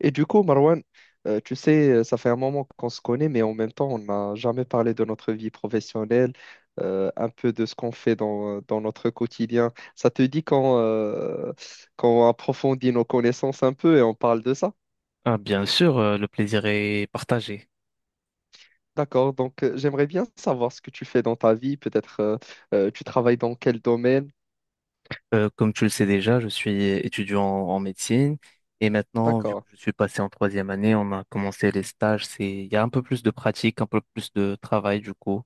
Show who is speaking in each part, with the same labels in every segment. Speaker 1: Et du coup, Marwan, tu sais, ça fait un moment qu'on se connaît, mais en même temps, on n'a jamais parlé de notre vie professionnelle, un peu de ce qu'on fait dans notre quotidien. Ça te dit qu'on approfondit nos connaissances un peu et on parle de ça?
Speaker 2: Ah, bien sûr, le plaisir est partagé.
Speaker 1: D'accord, donc j'aimerais bien savoir ce que tu fais dans ta vie, peut-être tu travailles dans quel domaine?
Speaker 2: Comme tu le sais déjà, je suis étudiant en médecine et maintenant, vu que
Speaker 1: D'accord,
Speaker 2: je suis passé en troisième année, on a commencé les stages. Il y a un peu plus de pratique, un peu plus de travail du coup.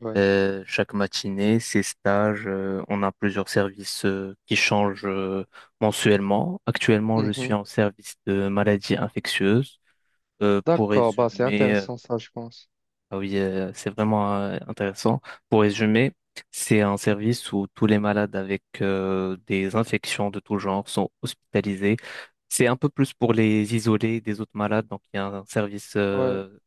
Speaker 1: ouais.
Speaker 2: Chaque matinée, ces stages, on a plusieurs services qui changent mensuellement. Actuellement, je suis
Speaker 1: Mhm.
Speaker 2: en service de maladies infectieuses. Euh, pour
Speaker 1: D'accord, bah, c'est
Speaker 2: résumer, euh,
Speaker 1: intéressant ça, je pense.
Speaker 2: Ah oui, c'est vraiment intéressant. Pour résumer, c'est un
Speaker 1: Mhm.
Speaker 2: service où tous les malades avec des infections de tout genre sont hospitalisés. C'est un peu plus pour les isoler des autres malades, donc il y a un service
Speaker 1: Ouais.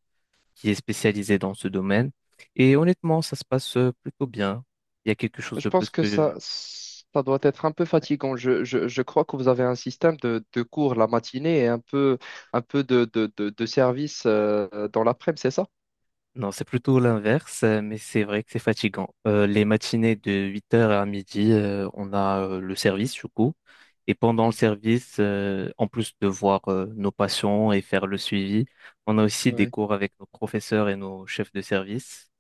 Speaker 2: qui est spécialisé dans ce domaine. Et honnêtement, ça se passe plutôt bien. Il y a quelque chose
Speaker 1: Je
Speaker 2: de
Speaker 1: pense
Speaker 2: plus
Speaker 1: que ça,
Speaker 2: que
Speaker 1: ça doit être un peu fatigant. Je crois que vous avez un système de cours la matinée et un peu de service dans l'après-midi, c'est ça?
Speaker 2: non, c'est plutôt l'inverse, mais c'est vrai que c'est fatigant. Les matinées de huit heures à midi, on a le service du coup. Et pendant le
Speaker 1: Mhm.
Speaker 2: service, en plus de voir nos patients et faire le suivi, on a aussi des
Speaker 1: Ouais.
Speaker 2: cours avec nos professeurs et nos chefs de service.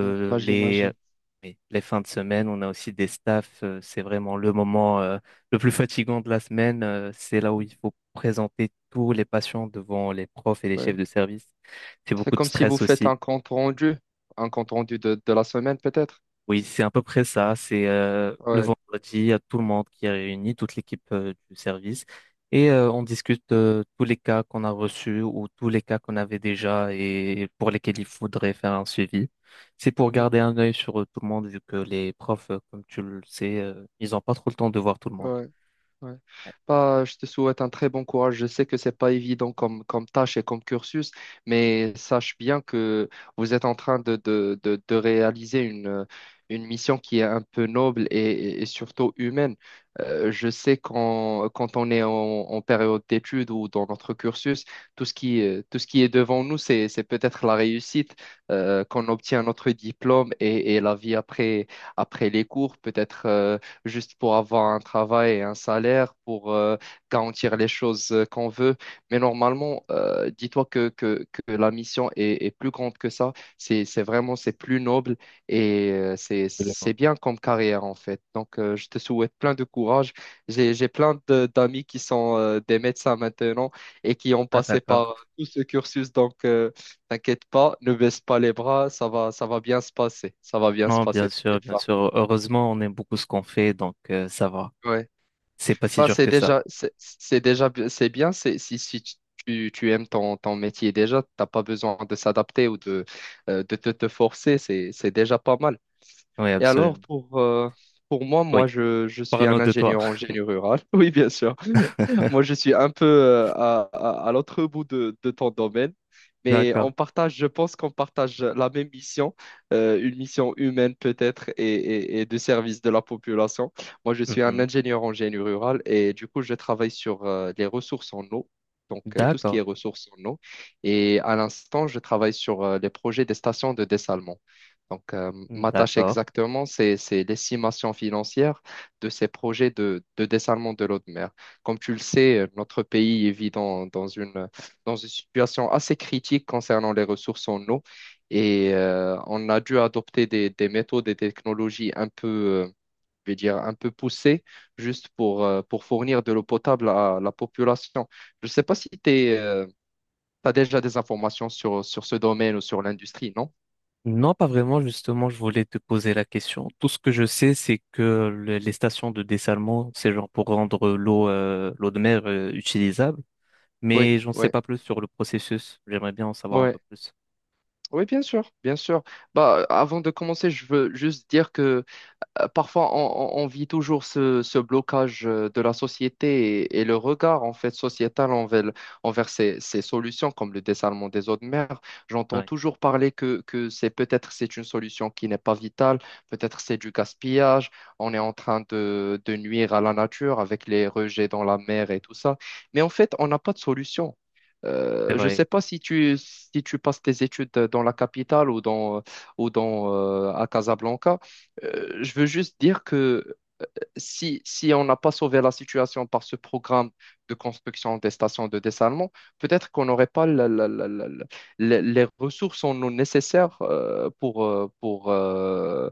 Speaker 1: Mm, bah,
Speaker 2: les,
Speaker 1: j'imagine.
Speaker 2: oui, les fins de semaine, on a aussi des staffs. C'est vraiment le moment le plus fatigant de la semaine. Euh, c'est là où il faut présenter tous les patients devant les profs et les
Speaker 1: Ouais.
Speaker 2: chefs de service. C'est
Speaker 1: C'est
Speaker 2: beaucoup de
Speaker 1: comme si vous
Speaker 2: stress
Speaker 1: faites
Speaker 2: aussi.
Speaker 1: un compte rendu de la semaine peut-être.
Speaker 2: Oui, c'est à peu près ça. C'est Le
Speaker 1: Ouais.
Speaker 2: vendredi, il y a tout le monde qui est réuni, toute l'équipe du service, et on discute tous les cas qu'on a reçus ou tous les cas qu'on avait déjà et pour lesquels il faudrait faire un suivi. C'est pour
Speaker 1: Mm.
Speaker 2: garder un œil sur tout le monde, vu que les profs, comme tu le sais, ils n'ont pas trop le temps de voir tout le monde.
Speaker 1: Ouais. Ouais.
Speaker 2: Ouais,
Speaker 1: Bah, je te souhaite un très bon courage. Je sais que c'est pas évident comme tâche et comme cursus, mais sache bien que vous êtes en train de réaliser une mission qui est un peu noble et surtout humaine. Je sais quand on est en période d'études ou dans notre cursus, tout ce qui est devant nous, c'est peut-être la réussite, qu'on obtient notre diplôme et la vie après, après les cours, peut-être. Juste pour avoir un travail et un salaire, pour garantir les choses qu'on veut. Mais normalement, dis-toi que la mission est plus grande que ça. C'est vraiment, c'est plus noble et c'est
Speaker 2: absolument.
Speaker 1: bien comme carrière en fait. Donc, je te souhaite plein de courage. J'ai plein d'amis qui sont des médecins maintenant et qui ont
Speaker 2: Ah,
Speaker 1: passé
Speaker 2: d'accord.
Speaker 1: par tout ce cursus. Donc, t'inquiète pas, ne baisse pas les bras, ça va bien se passer. Ça va bien se
Speaker 2: Non, bien
Speaker 1: passer,
Speaker 2: sûr,
Speaker 1: t'inquiète
Speaker 2: bien
Speaker 1: pas.
Speaker 2: sûr. Heureusement, on aime beaucoup ce qu'on fait, donc ça va.
Speaker 1: Ouais.
Speaker 2: C'est pas si
Speaker 1: Bah,
Speaker 2: dur que ça.
Speaker 1: c'est déjà, bi- c'est bien. C'est, si si tu, tu aimes ton métier déjà, t'as pas besoin de s'adapter ou de te forcer. C'est déjà pas mal.
Speaker 2: Oui,
Speaker 1: Et alors,
Speaker 2: absolument.
Speaker 1: pour moi,
Speaker 2: Oui.
Speaker 1: je suis
Speaker 2: Parlons
Speaker 1: un
Speaker 2: de toi.
Speaker 1: ingénieur en génie rural. Oui, bien sûr. Moi, je suis un peu à l'autre bout de ton domaine, mais
Speaker 2: D'accord.
Speaker 1: on partage, je pense qu'on partage la même mission, une mission humaine peut-être et de service de la population. Moi, je suis un
Speaker 2: Mhm.
Speaker 1: ingénieur en génie rural et du coup, je travaille sur les ressources en eau, donc tout ce qui est
Speaker 2: D'accord,
Speaker 1: ressources en eau. Et à l'instant, je travaille sur les projets des stations de dessalement. Donc, ma tâche
Speaker 2: d'accord.
Speaker 1: exactement, c'est l'estimation financière de ces projets de dessalement de l'eau de mer. Comme tu le sais, notre pays vit dans une situation assez critique concernant les ressources en eau et on a dû adopter des méthodes et des technologies un peu, je vais dire, un peu poussées juste pour fournir de l'eau potable à la population. Je ne sais pas si tu as déjà des informations sur ce domaine ou sur l'industrie, non?
Speaker 2: Non, pas vraiment, justement, je voulais te poser la question. Tout ce que je sais, c'est que les stations de dessalement, c'est genre pour rendre l'eau de mer utilisable,
Speaker 1: Oui,
Speaker 2: mais j'en sais
Speaker 1: oui,
Speaker 2: pas plus sur le processus. J'aimerais bien en savoir un
Speaker 1: oui.
Speaker 2: peu plus.
Speaker 1: Oui, bien sûr, bien sûr. Bah, avant de commencer, je veux juste dire que parfois on vit toujours ce blocage de la société et le regard en fait sociétal envers ces solutions comme le dessalement des eaux de mer. J'entends
Speaker 2: Ouais,
Speaker 1: toujours parler que c'est peut-être c'est une solution qui n'est pas vitale, peut-être c'est du gaspillage, on est en train de nuire à la nature avec les rejets dans la mer et tout ça. Mais en fait, on n'a pas de solution.
Speaker 2: c'est
Speaker 1: Je ne
Speaker 2: vrai.
Speaker 1: sais pas si tu passes tes études dans la capitale ou à Casablanca. Je veux juste dire que si on n'a pas sauvé la situation par ce programme de construction des stations de dessalement, peut-être qu'on n'aurait pas les ressources en eau nécessaires euh, pour, euh, pour euh,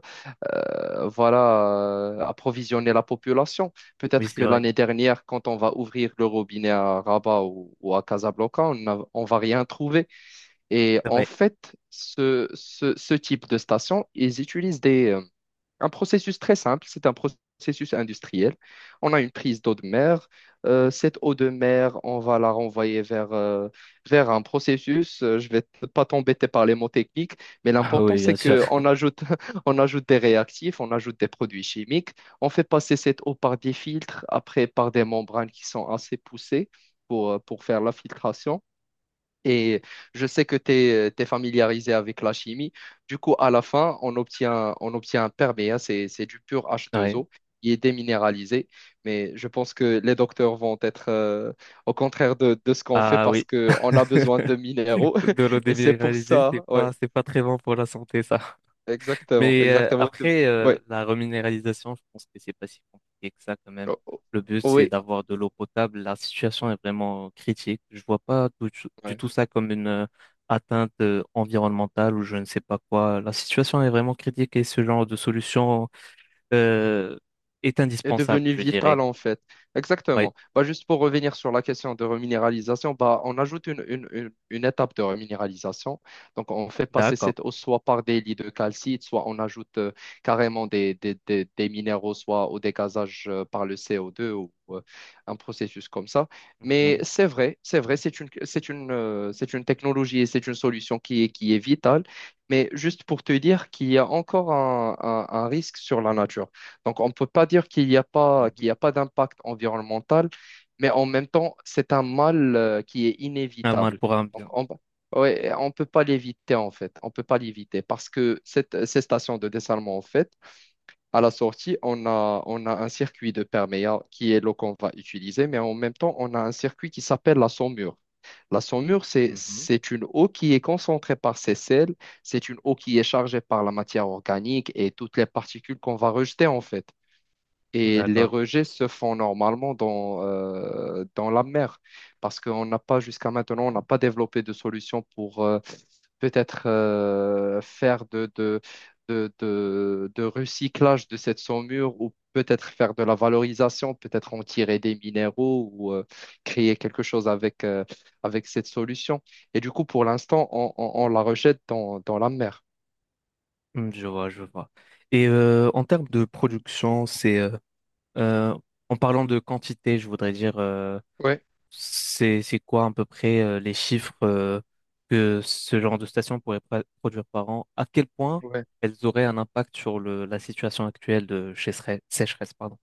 Speaker 1: euh, voilà, approvisionner la population.
Speaker 2: Oui,
Speaker 1: Peut-être
Speaker 2: c'est
Speaker 1: que
Speaker 2: vrai.
Speaker 1: l'année dernière, quand on va ouvrir le robinet à Rabat ou à Casablanca, on va rien trouver. Et
Speaker 2: C'est
Speaker 1: en
Speaker 2: vrai.
Speaker 1: fait, ce type de station, ils utilisent un processus très simple, c'est un processus industriel. On a une prise d'eau de mer. Cette eau de mer, on va la renvoyer vers un processus. Je vais pas t'embêter par les mots techniques, mais
Speaker 2: Ah
Speaker 1: l'important,
Speaker 2: oui, bien
Speaker 1: c'est
Speaker 2: sûr.
Speaker 1: qu'on ajoute, on ajoute des réactifs, on ajoute des produits chimiques. On fait passer cette eau par des filtres, après par des membranes qui sont assez poussées pour faire la filtration. Et je sais que tu es familiarisé avec la chimie. Du coup, à la fin, on obtient un perméa, c'est du pur h deux
Speaker 2: Ouais.
Speaker 1: o qui est déminéralisé. Mais je pense que les docteurs vont être au contraire de ce qu'on fait
Speaker 2: Ah
Speaker 1: parce
Speaker 2: oui.
Speaker 1: qu'on a besoin de minéraux.
Speaker 2: De l'eau
Speaker 1: Et c'est pour
Speaker 2: déminéralisée, c'est
Speaker 1: ça,
Speaker 2: pas
Speaker 1: ouais,
Speaker 2: c'est pas très bon pour la santé, ça.
Speaker 1: exactement,
Speaker 2: Mais
Speaker 1: exactement.
Speaker 2: après,
Speaker 1: Ouais.
Speaker 2: la reminéralisation, je pense que c'est pas si compliqué que ça quand même. Le but, c'est
Speaker 1: Oui,
Speaker 2: d'avoir de l'eau potable. La situation est vraiment critique. Je vois pas tout du
Speaker 1: ouais.
Speaker 2: tout ça comme une atteinte environnementale ou je ne sais pas quoi. La situation est vraiment critique et ce genre de solution euh, est
Speaker 1: Est
Speaker 2: indispensable,
Speaker 1: devenu
Speaker 2: je
Speaker 1: vital
Speaker 2: dirais.
Speaker 1: en fait.
Speaker 2: Oui,
Speaker 1: Exactement. Bah, juste pour revenir sur la question de reminéralisation, bah, on ajoute une étape de reminéralisation. Donc on fait passer
Speaker 2: d'accord.
Speaker 1: cette eau soit par des lits de calcite, soit on ajoute carrément des minéraux, soit au dégazage par le CO2 ou un processus comme ça. Mais
Speaker 2: Mhm,
Speaker 1: c'est vrai, c'est vrai, c'est une technologie et c'est une solution qui est vitale. Mais juste pour te dire qu'il y a encore un risque sur la nature. Donc, on ne peut pas dire qu'il n'y a pas, qu'il
Speaker 2: mhm.
Speaker 1: n'y a pas d'impact environnemental, mais en même temps, c'est un mal qui est
Speaker 2: Un mal
Speaker 1: inévitable.
Speaker 2: pour un
Speaker 1: Donc,
Speaker 2: bien.
Speaker 1: on ouais, on peut pas l'éviter, en fait. On peut pas l'éviter parce que ces stations de dessalement, en fait, à la sortie, on a un circuit de perméa qui est l'eau qu'on va utiliser, mais en même temps, on a un circuit qui s'appelle la saumure. La saumure, c'est,
Speaker 2: Mhm,
Speaker 1: c'est une eau qui est concentrée par ses sels, c'est une eau qui est chargée par la matière organique et toutes les particules qu'on va rejeter, en fait. Et les
Speaker 2: d'accord.
Speaker 1: rejets se font normalement dans la mer, parce qu'on n'a pas, jusqu'à maintenant, on n'a pas développé de solution pour peut-être faire de recyclage de cette saumure ou peut-être faire de la valorisation, peut-être en tirer des minéraux ou créer quelque chose avec cette solution. Et du coup, pour l'instant, on la rejette dans la mer.
Speaker 2: Mm, je vois, je vois. Et en termes de production, Euh, en parlant de quantité, je voudrais dire,
Speaker 1: Ouais.
Speaker 2: c'est quoi à peu près les chiffres que ce genre de station pourrait produire par an? À quel point elles auraient un impact sur la situation actuelle de sécheresse, pardon.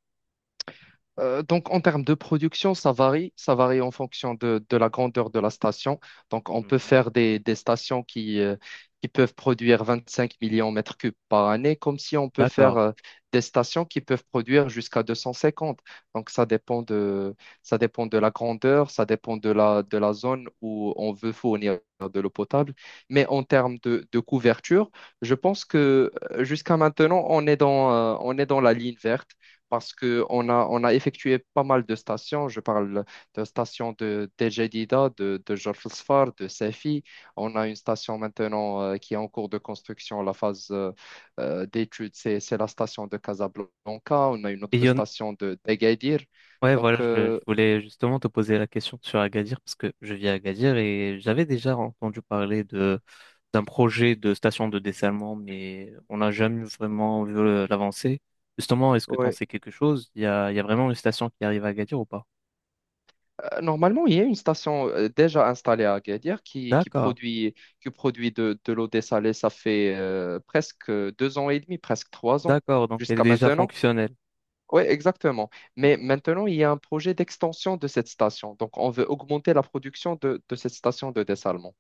Speaker 1: Donc, en termes de production, ça varie. Ça varie en fonction de la grandeur de la station. Donc, on peut
Speaker 2: Mhm.
Speaker 1: faire des stations qui peuvent produire 25 millions de mètres cubes par année, comme si on peut faire
Speaker 2: D'accord.
Speaker 1: des stations qui peuvent produire jusqu'à 250. Donc, ça dépend de la grandeur, ça dépend de la zone où on veut fournir de l'eau potable. Mais en termes de couverture, je pense que jusqu'à maintenant, on est dans la ligne verte parce qu'on a effectué pas mal de stations. Je parle de stations de d'El Jadida, de Jorf El Sfar, de Safi. On a une station maintenant qui est en cours de construction, la phase d'étude, c'est la station de Casablanca. On a une
Speaker 2: Et il
Speaker 1: autre
Speaker 2: y en
Speaker 1: station de d'Agadir.
Speaker 2: ouais,
Speaker 1: Donc,
Speaker 2: voilà, je
Speaker 1: euh,
Speaker 2: voulais justement te poser la question sur Agadir parce que je vis à Agadir et j'avais déjà entendu parler de d'un projet de station de dessalement, mais on n'a jamais vraiment vu l'avancée. Justement, est-ce que tu en
Speaker 1: Ouais.
Speaker 2: sais quelque chose? Il y a vraiment une station qui arrive à Agadir ou pas?
Speaker 1: Normalement, il y a une station déjà installée à Agadir qui
Speaker 2: D'accord,
Speaker 1: produit, qui produit de l'eau dessalée. Ça fait presque deux ans et demi, presque trois ans
Speaker 2: d'accord, donc elle est
Speaker 1: jusqu'à
Speaker 2: déjà
Speaker 1: maintenant.
Speaker 2: fonctionnelle.
Speaker 1: Oui, exactement. Mais
Speaker 2: D'accord,
Speaker 1: maintenant, il y a un projet d'extension de cette station. Donc, on veut augmenter la production de cette station de dessalement.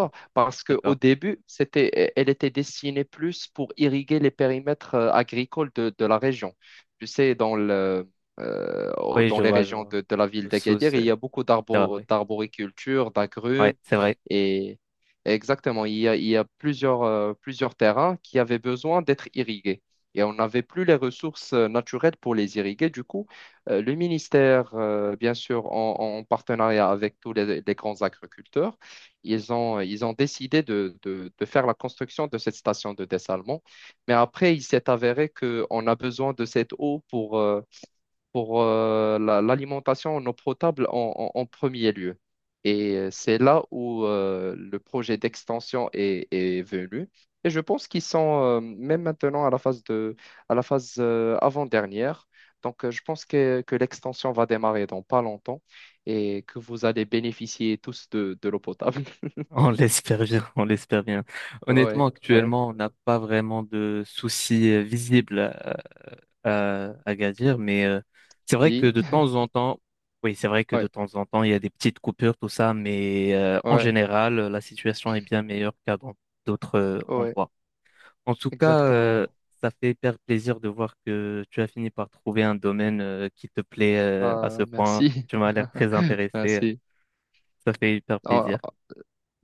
Speaker 2: hmm,
Speaker 1: parce qu'au
Speaker 2: d'accord.
Speaker 1: début, elle était destinée plus pour irriguer les périmètres agricoles de la région. Tu sais,
Speaker 2: Oui,
Speaker 1: dans
Speaker 2: je
Speaker 1: les
Speaker 2: vois, je
Speaker 1: régions
Speaker 2: vois.
Speaker 1: de la ville
Speaker 2: Sous,
Speaker 1: d'Agadir, il y
Speaker 2: c'est
Speaker 1: a beaucoup
Speaker 2: c'est vrai, oui.
Speaker 1: d'arboriculture,
Speaker 2: Ouais,
Speaker 1: d'agrumes,
Speaker 2: c'est vrai.
Speaker 1: et exactement, il y a plusieurs terrains qui avaient besoin d'être irrigués. Et on n'avait plus les ressources naturelles pour les irriguer. Du coup, le ministère, bien sûr, en partenariat avec tous les grands agriculteurs, ils ont décidé de faire la construction de cette station de dessalement. Mais après, il s'est avéré qu'on a besoin de cette eau pour l'alimentation en eau potable en premier lieu. Et c'est là où le projet d'extension est venu. Et je pense qu'ils sont même maintenant à la phase de, à la phase avant-dernière. Donc, je pense que l'extension va démarrer dans pas longtemps et que vous allez bénéficier tous de l'eau potable.
Speaker 2: On l'espère bien, on l'espère bien. Honnêtement,
Speaker 1: Ouais, ouais,
Speaker 2: actuellement, on n'a pas vraiment de soucis visibles à Gadir, mais c'est vrai que
Speaker 1: si,
Speaker 2: de temps en temps, oui, c'est vrai que de
Speaker 1: ouais,
Speaker 2: temps en temps, il y a des petites coupures, tout ça, mais en
Speaker 1: ouais,
Speaker 2: général, la situation est bien meilleure qu'à dans d'autres
Speaker 1: ouais,
Speaker 2: endroits. En tout cas,
Speaker 1: exactement.
Speaker 2: ça fait hyper plaisir de voir que tu as fini par trouver un domaine qui te plaît à ce
Speaker 1: Bah,
Speaker 2: point.
Speaker 1: merci.
Speaker 2: Tu m'as l'air très intéressé.
Speaker 1: Merci.
Speaker 2: Ça fait hyper
Speaker 1: Ah,
Speaker 2: plaisir.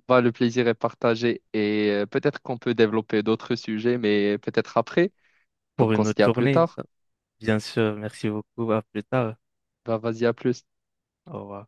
Speaker 1: bah, le plaisir est partagé et peut-être qu'on peut développer d'autres sujets, mais peut-être après.
Speaker 2: Pour
Speaker 1: Donc, on
Speaker 2: une
Speaker 1: se
Speaker 2: autre
Speaker 1: dit à plus
Speaker 2: journée,
Speaker 1: tard.
Speaker 2: bien sûr, merci beaucoup. À plus tard.
Speaker 1: Bah, vas-y, à plus.
Speaker 2: Au revoir.